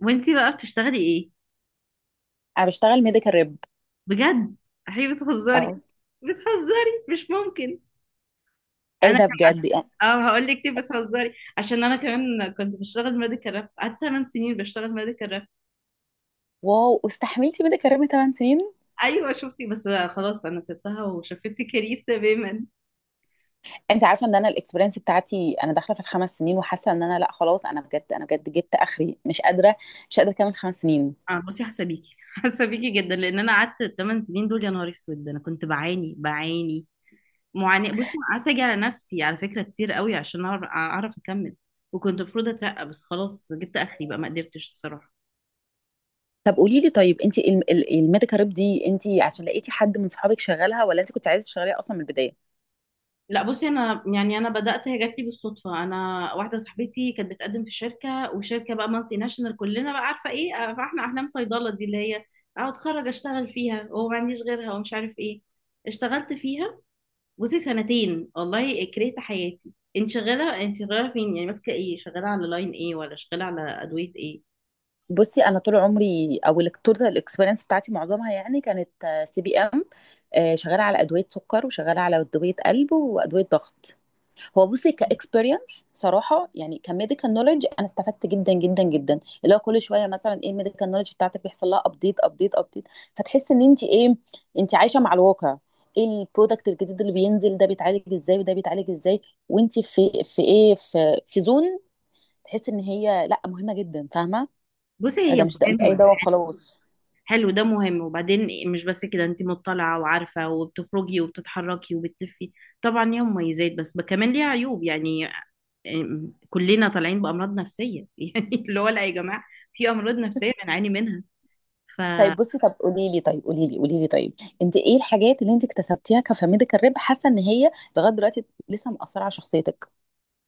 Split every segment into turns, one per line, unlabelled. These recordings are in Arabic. وانتي بقى بتشتغلي ايه؟
انا بشتغل ميديكال ريب.
بجد؟ احي، بتهزري!
اه.
بتهزري، مش ممكن.
ايه
انا
ده بجد
كمان.
يعني؟
اه، هقول لك ليه بتهزري. عشان انا كمان كنت بشتغل ميديكال راب، قعدت 8 سنين بشتغل ميديكال راب.
واو، واستحملتي ميديكال ريب 8 سنين؟
ايوه شفتي؟ بس خلاص، انا سبتها وشفت كارير تماما.
انت عارفه ان انا الاكسبيرينس بتاعتي انا داخله في الخمس سنين، وحاسه ان انا لا، خلاص، انا بجد جبت اخري، مش قادره، مش قادره اكمل 5 سنين.
اه بصي، حسابيكي حسابيكي جدا. لان انا قعدت 8 سنين دول يا نهار اسود، انا كنت بعاني بعاني معاناه. بصي أنا قعدت اجي على نفسي على فكره كتير قوي عشان أعرف اكمل. وكنت المفروض اترقى، بس خلاص جبت اخري بقى، ما قدرتش الصراحه.
طب قولي لي، طيب انت الميديكال ريب دي، انت عشان لقيتي حد من صحابك شغالها ولا انت كنت عايزه تشتغليها اصلا من البدايه؟
لا بصي، انا يعني انا بدات، هي جات لي بالصدفه. انا واحده صاحبتي كانت بتقدم في شركه، وشركه بقى مالتي ناشونال كلنا بقى عارفه ايه، فاحنا احلام صيدله دي اللي هي اقعد اتخرج اشتغل فيها، وما عنديش غيرها ومش عارف ايه. اشتغلت فيها بصي سنتين، والله كرهت حياتي. انت شغاله فين يعني؟ ماسكه ايه؟ شغاله على لاين ايه؟ ولا شغاله على ادويه ايه؟
بصي، انا طول عمري، او التوتال الاكسبيرينس بتاعتي معظمها يعني كانت سي بي ام، شغاله على ادويه سكر، وشغاله على ادويه قلب وادويه ضغط. هو بصي كاكسبيرينس صراحه، يعني كميديكال نولج، انا استفدت جدا جدا جدا، اللي هو كل شويه مثلا ايه الميديكال نولج بتاعتك بيحصل لها ابديت ابديت ابديت. فتحس ان انت، ايه، انت عايشه مع الواقع. ايه البرودكت الجديد اللي بينزل، ده بيتعالج ازاي وده بيتعالج ازاي، وانت في ايه، في زون. تحس ان هي لا، مهمه جدا، فاهمه.
بصي هي
ده مش اي
مهمه.
دواء وخلاص.
حلو، ده مهم. وبعدين مش بس كده، انت مطلعة وعارفة وبتخرجي وبتتحركي وبتلفي. طبعا ليها مميزات، بس كمان ليها عيوب يعني. كلنا طالعين بأمراض نفسية يعني. اللي هو لا يا جماعة، في أمراض نفسية بنعاني منها. ف
طيب بصي، طب قولي لي طيب انت ايه الحاجات اللي انت اكتسبتيها كفاميديكال ريب، حاسه ان هي لغايه دلوقتي لسه مأثره على شخصيتك؟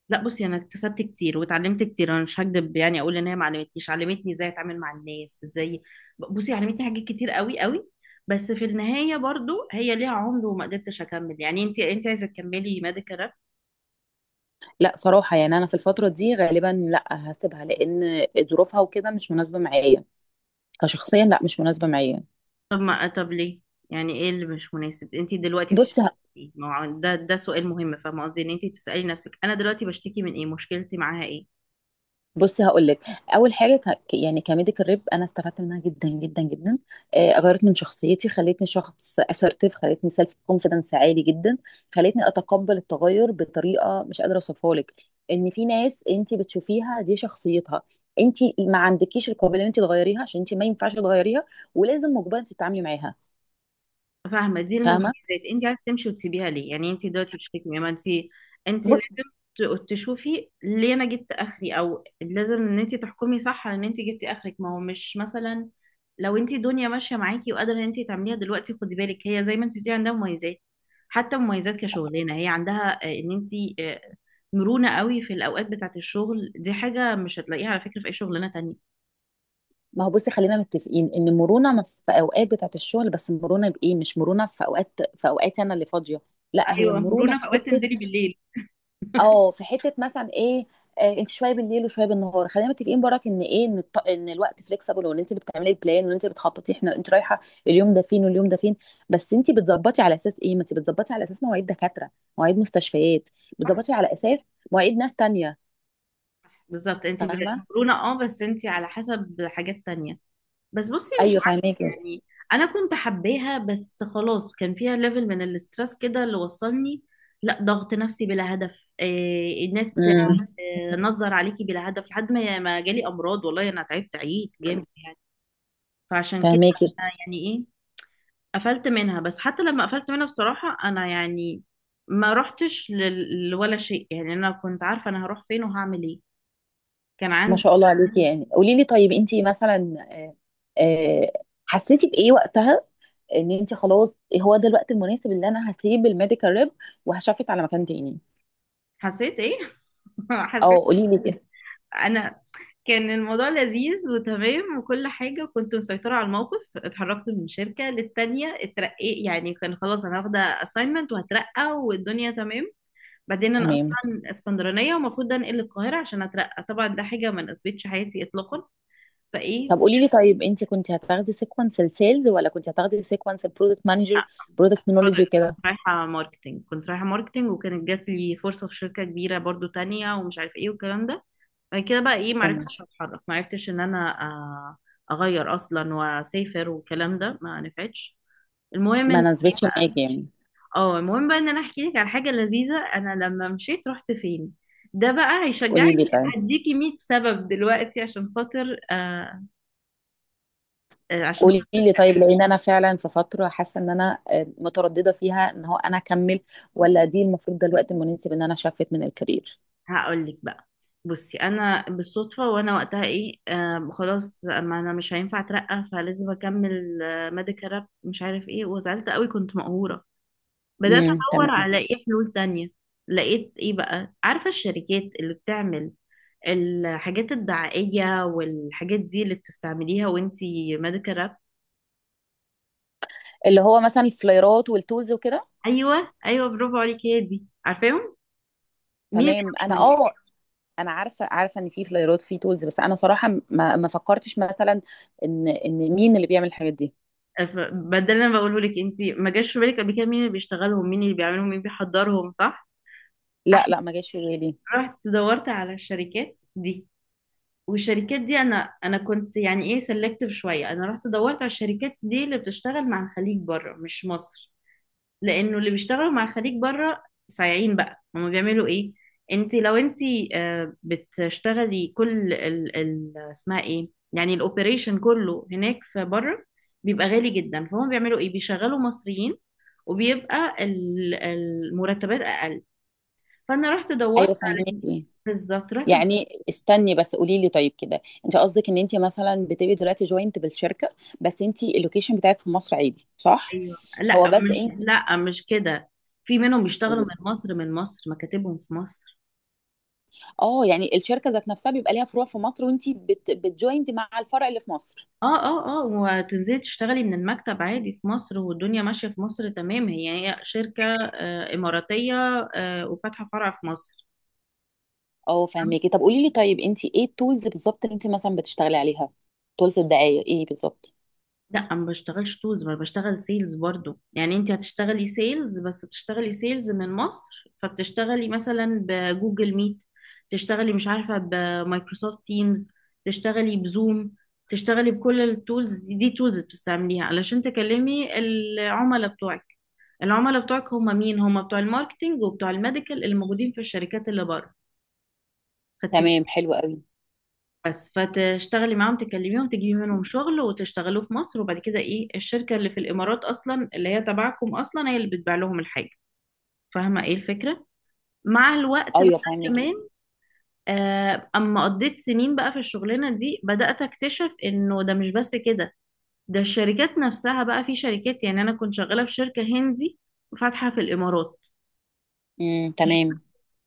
لا بصي، انا اكتسبت كتير واتعلمت كتير. انا مش هكدب يعني اقول ان هي ما علمتنيش، علمتني ازاي اتعامل مع الناس ازاي. بصي علمتني حاجات كتير قوي قوي. بس في النهاية برضو هي ليها عمر، وما قدرتش اكمل. يعني انت عايزة تكملي ميديكال؟
لأ صراحة، يعني أنا في الفترة دي غالبًا لأ، هاسيبها، لإن ظروفها وكده مش مناسبة معايا، كشخصيًا لأ مش مناسبة معايا.
طب ما طب ليه؟ يعني ايه اللي مش مناسب؟ انت دلوقتي
بُصّي
بتشتكي
ه
من ايه؟ ما هو ده سؤال مهم، فاهمه قصدي؟ ان انت تسالي نفسك، انا دلوقتي بشتكي من ايه؟ مشكلتي معاها ايه؟
بُصّي هاقول لك، أول حاجة ك ك يعني كMedical Rep أنا استفدت منها جدًا، جدًا، جدًا، غيّرت من شخصيتي، خلّتني شخص assertive، خلّتني self confidence عالي جدًا، خلّتني أتقبّل التغيُّر بطريقة مش قادرة أوصفها لِك، إن في ناس أنتِ بتشوفيها دي شخصيتها، أنتِ ما عندكيش القابلية إن أنتِ تغيّريها، عشان أنتِ ما ينفعش تغيّريها، ولازم مُجبرة إن أنتِ تتعاملي معاها،
فاهمة؟ دي
فاهمة؟
المميزات، انت عايزة تمشي وتسيبيها ليه؟ يعني انت دلوقتي بتشتكي، ما انت انت
ب
لازم تشوفي ليه انا جبت اخري، او لازم ان انت تحكمي صح على ان انت جبتي اخرك. ما هو مش مثلا لو انت الدنيا ماشية معاكي وقادرة ان انت تعمليها دلوقتي، خدي بالك هي زي ما انت بتقولي عندها مميزات. حتى مميزات كشغلانة هي عندها، ان انت، آه، مرونة قوي في الاوقات بتاعة الشغل. دي حاجة مش هتلاقيها على فكرة في اي شغلانة تانية.
ما هو بصي، خلينا متفقين ان مرونه ما في اوقات بتاعه الشغل، بس مرونه بايه؟ مش مرونه في اوقاتي انا اللي فاضيه. لا، هي
ايوه،
مرونه
مرونة في
في
اوقات،
حته.
تنزلي بالليل.
اه، في حته مثلا ايه؟ انت شويه بالليل وشويه بالنهار، خلينا متفقين براك ان ايه، ان الوقت فليكسبل، وان انت اللي بتعملي البلان، وان انت اللي بتخططي، احنا، انت رايحه اليوم ده فين واليوم ده فين؟ بس انت بتظبطي على اساس ايه؟ ما انت بتظبطي على اساس مواعيد دكاتره، مواعيد مستشفيات، بتظبطي على اساس مواعيد ناس تانية.
بالظبط. انت
فاهمه؟
مقرونه بس انت على حسب حاجات تانية. بس بصي مش
ايوه،
عارفه،
فاهماكي.
يعني انا كنت حباها، بس خلاص كان فيها ليفل من الاسترس كده اللي وصلني. لا ضغط نفسي بلا هدف. إيه الناس
امم
تنظر عليكي بلا هدف، لحد ما جالي امراض. والله انا تعبت عيد جامد يعني. فعشان كده
فاهماكي.
أنا يعني ايه، قفلت منها. بس حتى لما قفلت منها بصراحه انا يعني ما رحتش لولا شيء، يعني انا كنت عارفه انا هروح فين وهعمل ايه، كان
ما شاء
عندي.
الله عليكي. يعني قولي لي طيب انت مثلا، آه، حسيتي بايه وقتها ان انت خلاص هو ده الوقت المناسب اللي انا هسيب الميديكال ريب وهشفت على مكان تاني؟
حسيت ايه؟ حسيت
او قولي لي كده.
انا، كان الموضوع لذيذ وتمام وكل حاجة، وكنت مسيطرة على الموقف. اتحركت من شركة للتانية، اترقيت يعني، كان خلاص انا واخدة assignment وهترقى والدنيا تمام. بعدين انا
تمام.
اصلا اسكندرانية ومفروض انقل القاهرة عشان اترقى، طبعا ده حاجة ما ناسبتش حياتي اطلاقا. فايه
طب قولي لي طيب، انت كنت هتاخدي سيكونس السيلز ولا كنت هتاخدي سيكونس البرودكت مانجر؟ برودكت مانجر
product.
وكده.
كنت رايحة ماركتينج، وكانت جات لي فرصة في شركة كبيرة برضو تانية، ومش عارف ايه والكلام ده. بعد كده بقى ايه،
تمام.
معرفتش اتحرك، معرفتش ان انا اغير اصلا واسافر والكلام ده، ما نفعتش. المهم ان
ما
إيه
ناسبتش
بقى،
معاكي يعني.
اه المهم بقى ان انا احكي لك على حاجه لذيذه، انا لما مشيت رحت فين. ده بقى هيشجعك.
قولي لي طيب
هديكي 100 سبب دلوقتي عشان خاطر عشان
قولي
خاطر.
لي طيب لان انا فعلا في فتره حاسه ان انا متردده فيها، ان هو انا اكمل ولا دي المفروض ده الوقت المناسب ان انا شفت من الكارير.
هقول لك بقى. بصي انا بالصدفه، وانا وقتها ايه خلاص، ما انا مش هينفع اترقى، فلازم اكمل ميديكال راب مش عارف ايه، وزعلت قوي، كنت مقهوره. بدأت أدور
تمام.
على إيه حلول تانية. لقيت إيه بقى، عارفة الشركات اللي بتعمل الحاجات الدعائية والحاجات دي اللي بتستعمليها وانتي ميديكال راب؟
اللي هو مثلا الفلايرات والتولز وكده.
أيوة أيوة، برافو عليكي، هي دي. عارفاهم مين
تمام، انا،
بيعملهم؟
اه، انا عارفه، عارفه ان في فلايرات، في تولز، بس انا صراحه ما فكرتش مثلا ان مين اللي بيعمل الحاجات دي.
ف- بدل ما بقوله لك، انتي ما جاش في بالك قبل كده مين اللي بيشتغلهم، مين اللي بيعملهم، مين بيحضرهم؟ صح؟
لا
احنا
لا، ما جاش في بالي.
رحت دورت على الشركات دي. والشركات دي انا كنت يعني ايه سلكتيف شويه. انا رحت دورت على الشركات دي اللي بتشتغل مع الخليج بره مش مصر، لانه اللي بيشتغلوا مع خريج بره صايعين بقى. هما بيعملوا ايه؟ انت لو انت، بتشتغلي كل ال اسمها ايه يعني، الاوبريشن كله هناك في بره، بيبقى غالي جدا. فهم بيعملوا ايه، بيشغلوا مصريين، وبيبقى المرتبات اقل. فانا رحت دورت
ايوه،
على،
فهمتني،
بالظبط. رحت
يعني استني بس، قولي لي طيب كده، انت قصدك ان انت مثلا بتبقي دلوقتي جوينت بالشركه بس انت اللوكيشن بتاعك في مصر عادي، صح؟
ايوه.
هو بس انت،
لا مش كده. في منهم بيشتغلوا من مصر. من مصر مكاتبهم في مصر.
اه، يعني الشركه ذات نفسها بيبقى ليها فروع في مصر وانت بتجوينت مع الفرع اللي في مصر.
اه اه اه، وتنزلي تشتغلي من المكتب عادي في مصر والدنيا ماشية في مصر تمام. هي شركة إماراتية وفاتحة فرع في مصر.
اه، فهميكي. طب قولي لي طيب، انت ايه التولز بالظبط اللي انت مثلا بتشتغلي عليها؟ تولز الدعاية ايه بالظبط؟
لا ما بشتغلش تولز، ما بشتغل سيلز برضو. يعني انت هتشتغلي سيلز، بس بتشتغلي سيلز من مصر. فبتشتغلي مثلا بجوجل ميت، تشتغلي مش عارفة بمايكروسوفت تيمز، تشتغلي بزوم، تشتغلي بكل التولز دي, دي تولز بتستعمليها علشان تكلمي العملاء بتوعك. العملاء بتوعك هم مين؟ هم بتوع الماركتينج وبتوع الميديكال اللي موجودين في الشركات اللي بره. خدتي
تمام،
بالك؟
حلو قوي.
بس فتشتغلي معاهم، تكلميهم، تجيبي منهم شغل، وتشتغلوه في مصر. وبعد كده ايه، الشركة اللي في الامارات اصلا اللي هي تبعكم اصلا، هي اللي بتبيع لهم الحاجة. فاهمة ايه الفكرة؟ مع الوقت بقى
ايوه،
كمان،
فهميكي.
اما قضيت سنين بقى في الشغلانة دي، بدأت اكتشف انه ده مش بس كده. ده الشركات نفسها بقى، في شركات، يعني انا كنت شغالة في شركة هندي فاتحة في الامارات.
تمام.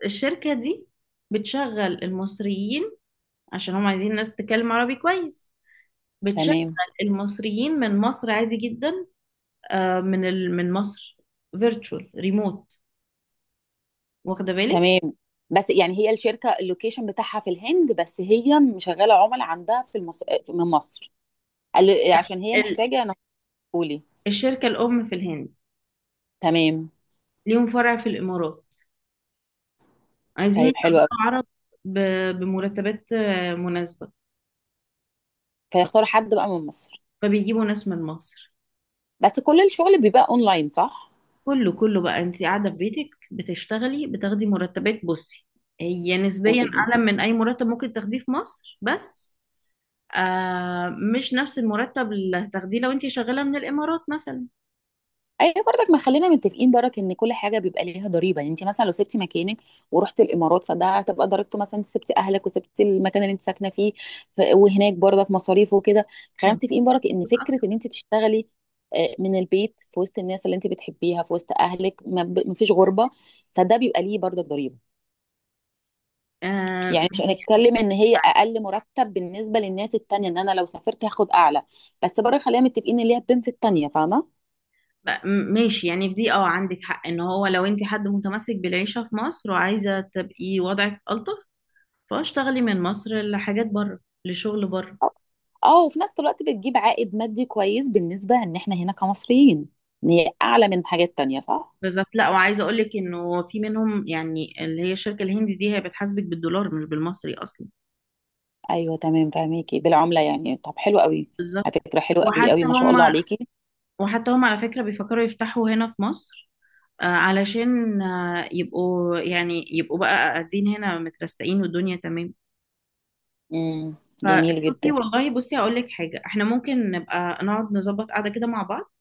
الشركة دي بتشغل المصريين، عشان هم عايزين ناس تتكلم عربي كويس. بتشغل
تمام
المصريين من مصر عادي جدا، من من مصر، فيرتشوال ريموت. واخدة بالك؟
تمام. بس يعني هي الشركة اللوكيشن بتاعها في الهند، بس هي مشغلة عملاء عندها من مصر، عشان هي
ال...
محتاجة انا. قولي.
الشركة الأم في الهند،
تمام،
ليهم فرع في الإمارات، عايزين
طيب حلو قوي.
يشغلوا عرب ب... بمرتبات مناسبة.
فيختاروا حد بقى من مصر.
فبيجيبوا ناس من مصر.
بس كل الشغل بيبقى اونلاين، صح؟
كله كله بقى، انت قاعدة في بيتك بتشتغلي، بتاخدي مرتبات. بصي هي نسبيا
قولي لي.
أعلى من أي مرتب ممكن تاخديه في مصر، بس مش نفس المرتب اللي هتاخديه لو انت شغاله من الامارات مثلا.
ايوه، برضك ما خلينا متفقين برك ان كل حاجه بيبقى ليها ضريبه، يعني انت مثلا لو سبتي مكانك ورحت الامارات فده هتبقى ضريبته، مثلا انت سبتي اهلك وسبتي المكان اللي انت ساكنه فيه، وهناك برضك مصاريف وكده. خلينا متفقين برك ان فكره ان انت تشتغلي من البيت في وسط الناس اللي انت بتحبيها، في وسط اهلك، ما فيش غربه، فده بيبقى ليه برضك ضريبه.
آه
يعني مش هنتكلم ان هي اقل مرتب بالنسبه للناس التانيه، ان انا لو سافرت هاخد اعلى، بس برضه خلينا متفقين ان ليها بنفيت تانيه، فاهمه.
ماشي. يعني في دي عندك حق. ان هو لو انت حد متمسك بالعيشه في مصر، وعايزه تبقي وضعك الطف، فاشتغلي من مصر لحاجات بره، لشغل بره.
اه، وفي نفس الوقت بتجيب عائد مادي كويس بالنسبة ان احنا هنا كمصريين، ان هي اعلى من حاجات تانية، صح؟
بالظبط. لا، وعايزه اقول لك انه في منهم، يعني اللي هي الشركه الهندي دي، هي بتحاسبك بالدولار مش بالمصري اصلا.
ايوه، تمام، فاهميكي، بالعملة يعني. طب حلو قوي.
بالظبط.
على فكرة حلو قوي قوي،
وحتى
ما شاء
هم
الله عليكي.
وحتى هم على فكره بيفكروا يفتحوا هنا في مصر، علشان يبقوا بقى قاعدين هنا مترستقين والدنيا تمام.
امم جميل
فشوفي
جدا.
والله، بصي هقول لك حاجه، احنا ممكن نبقى نقعد نظبط قعده كده مع بعض،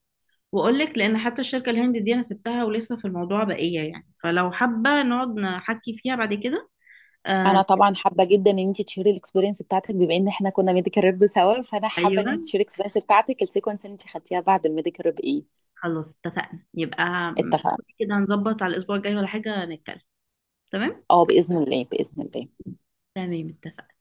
واقول لك. لان حتى الشركه الهند دي انا سبتها، ولسه في الموضوع بقيه يعني، فلو حابه نقعد نحكي فيها بعد كده. آه
انا طبعا حابة جدا ان انت تشيري الاكسبيرينس بتاعتك، بما ان احنا كنا ميديكال ريب سوا، فانا حابة ان
ايوه.
انت تشيري الاكسبيرينس بتاعتك، السيكونس اللي انت خدتيها بعد الميديكال ريب ايه؟
خلاص، اتفقنا يبقى
اتفقنا.
كده. هنظبط على الاسبوع الجاي ولا حاجه نتكلم. تمام
اه، باذن الله باذن الله.
تمام.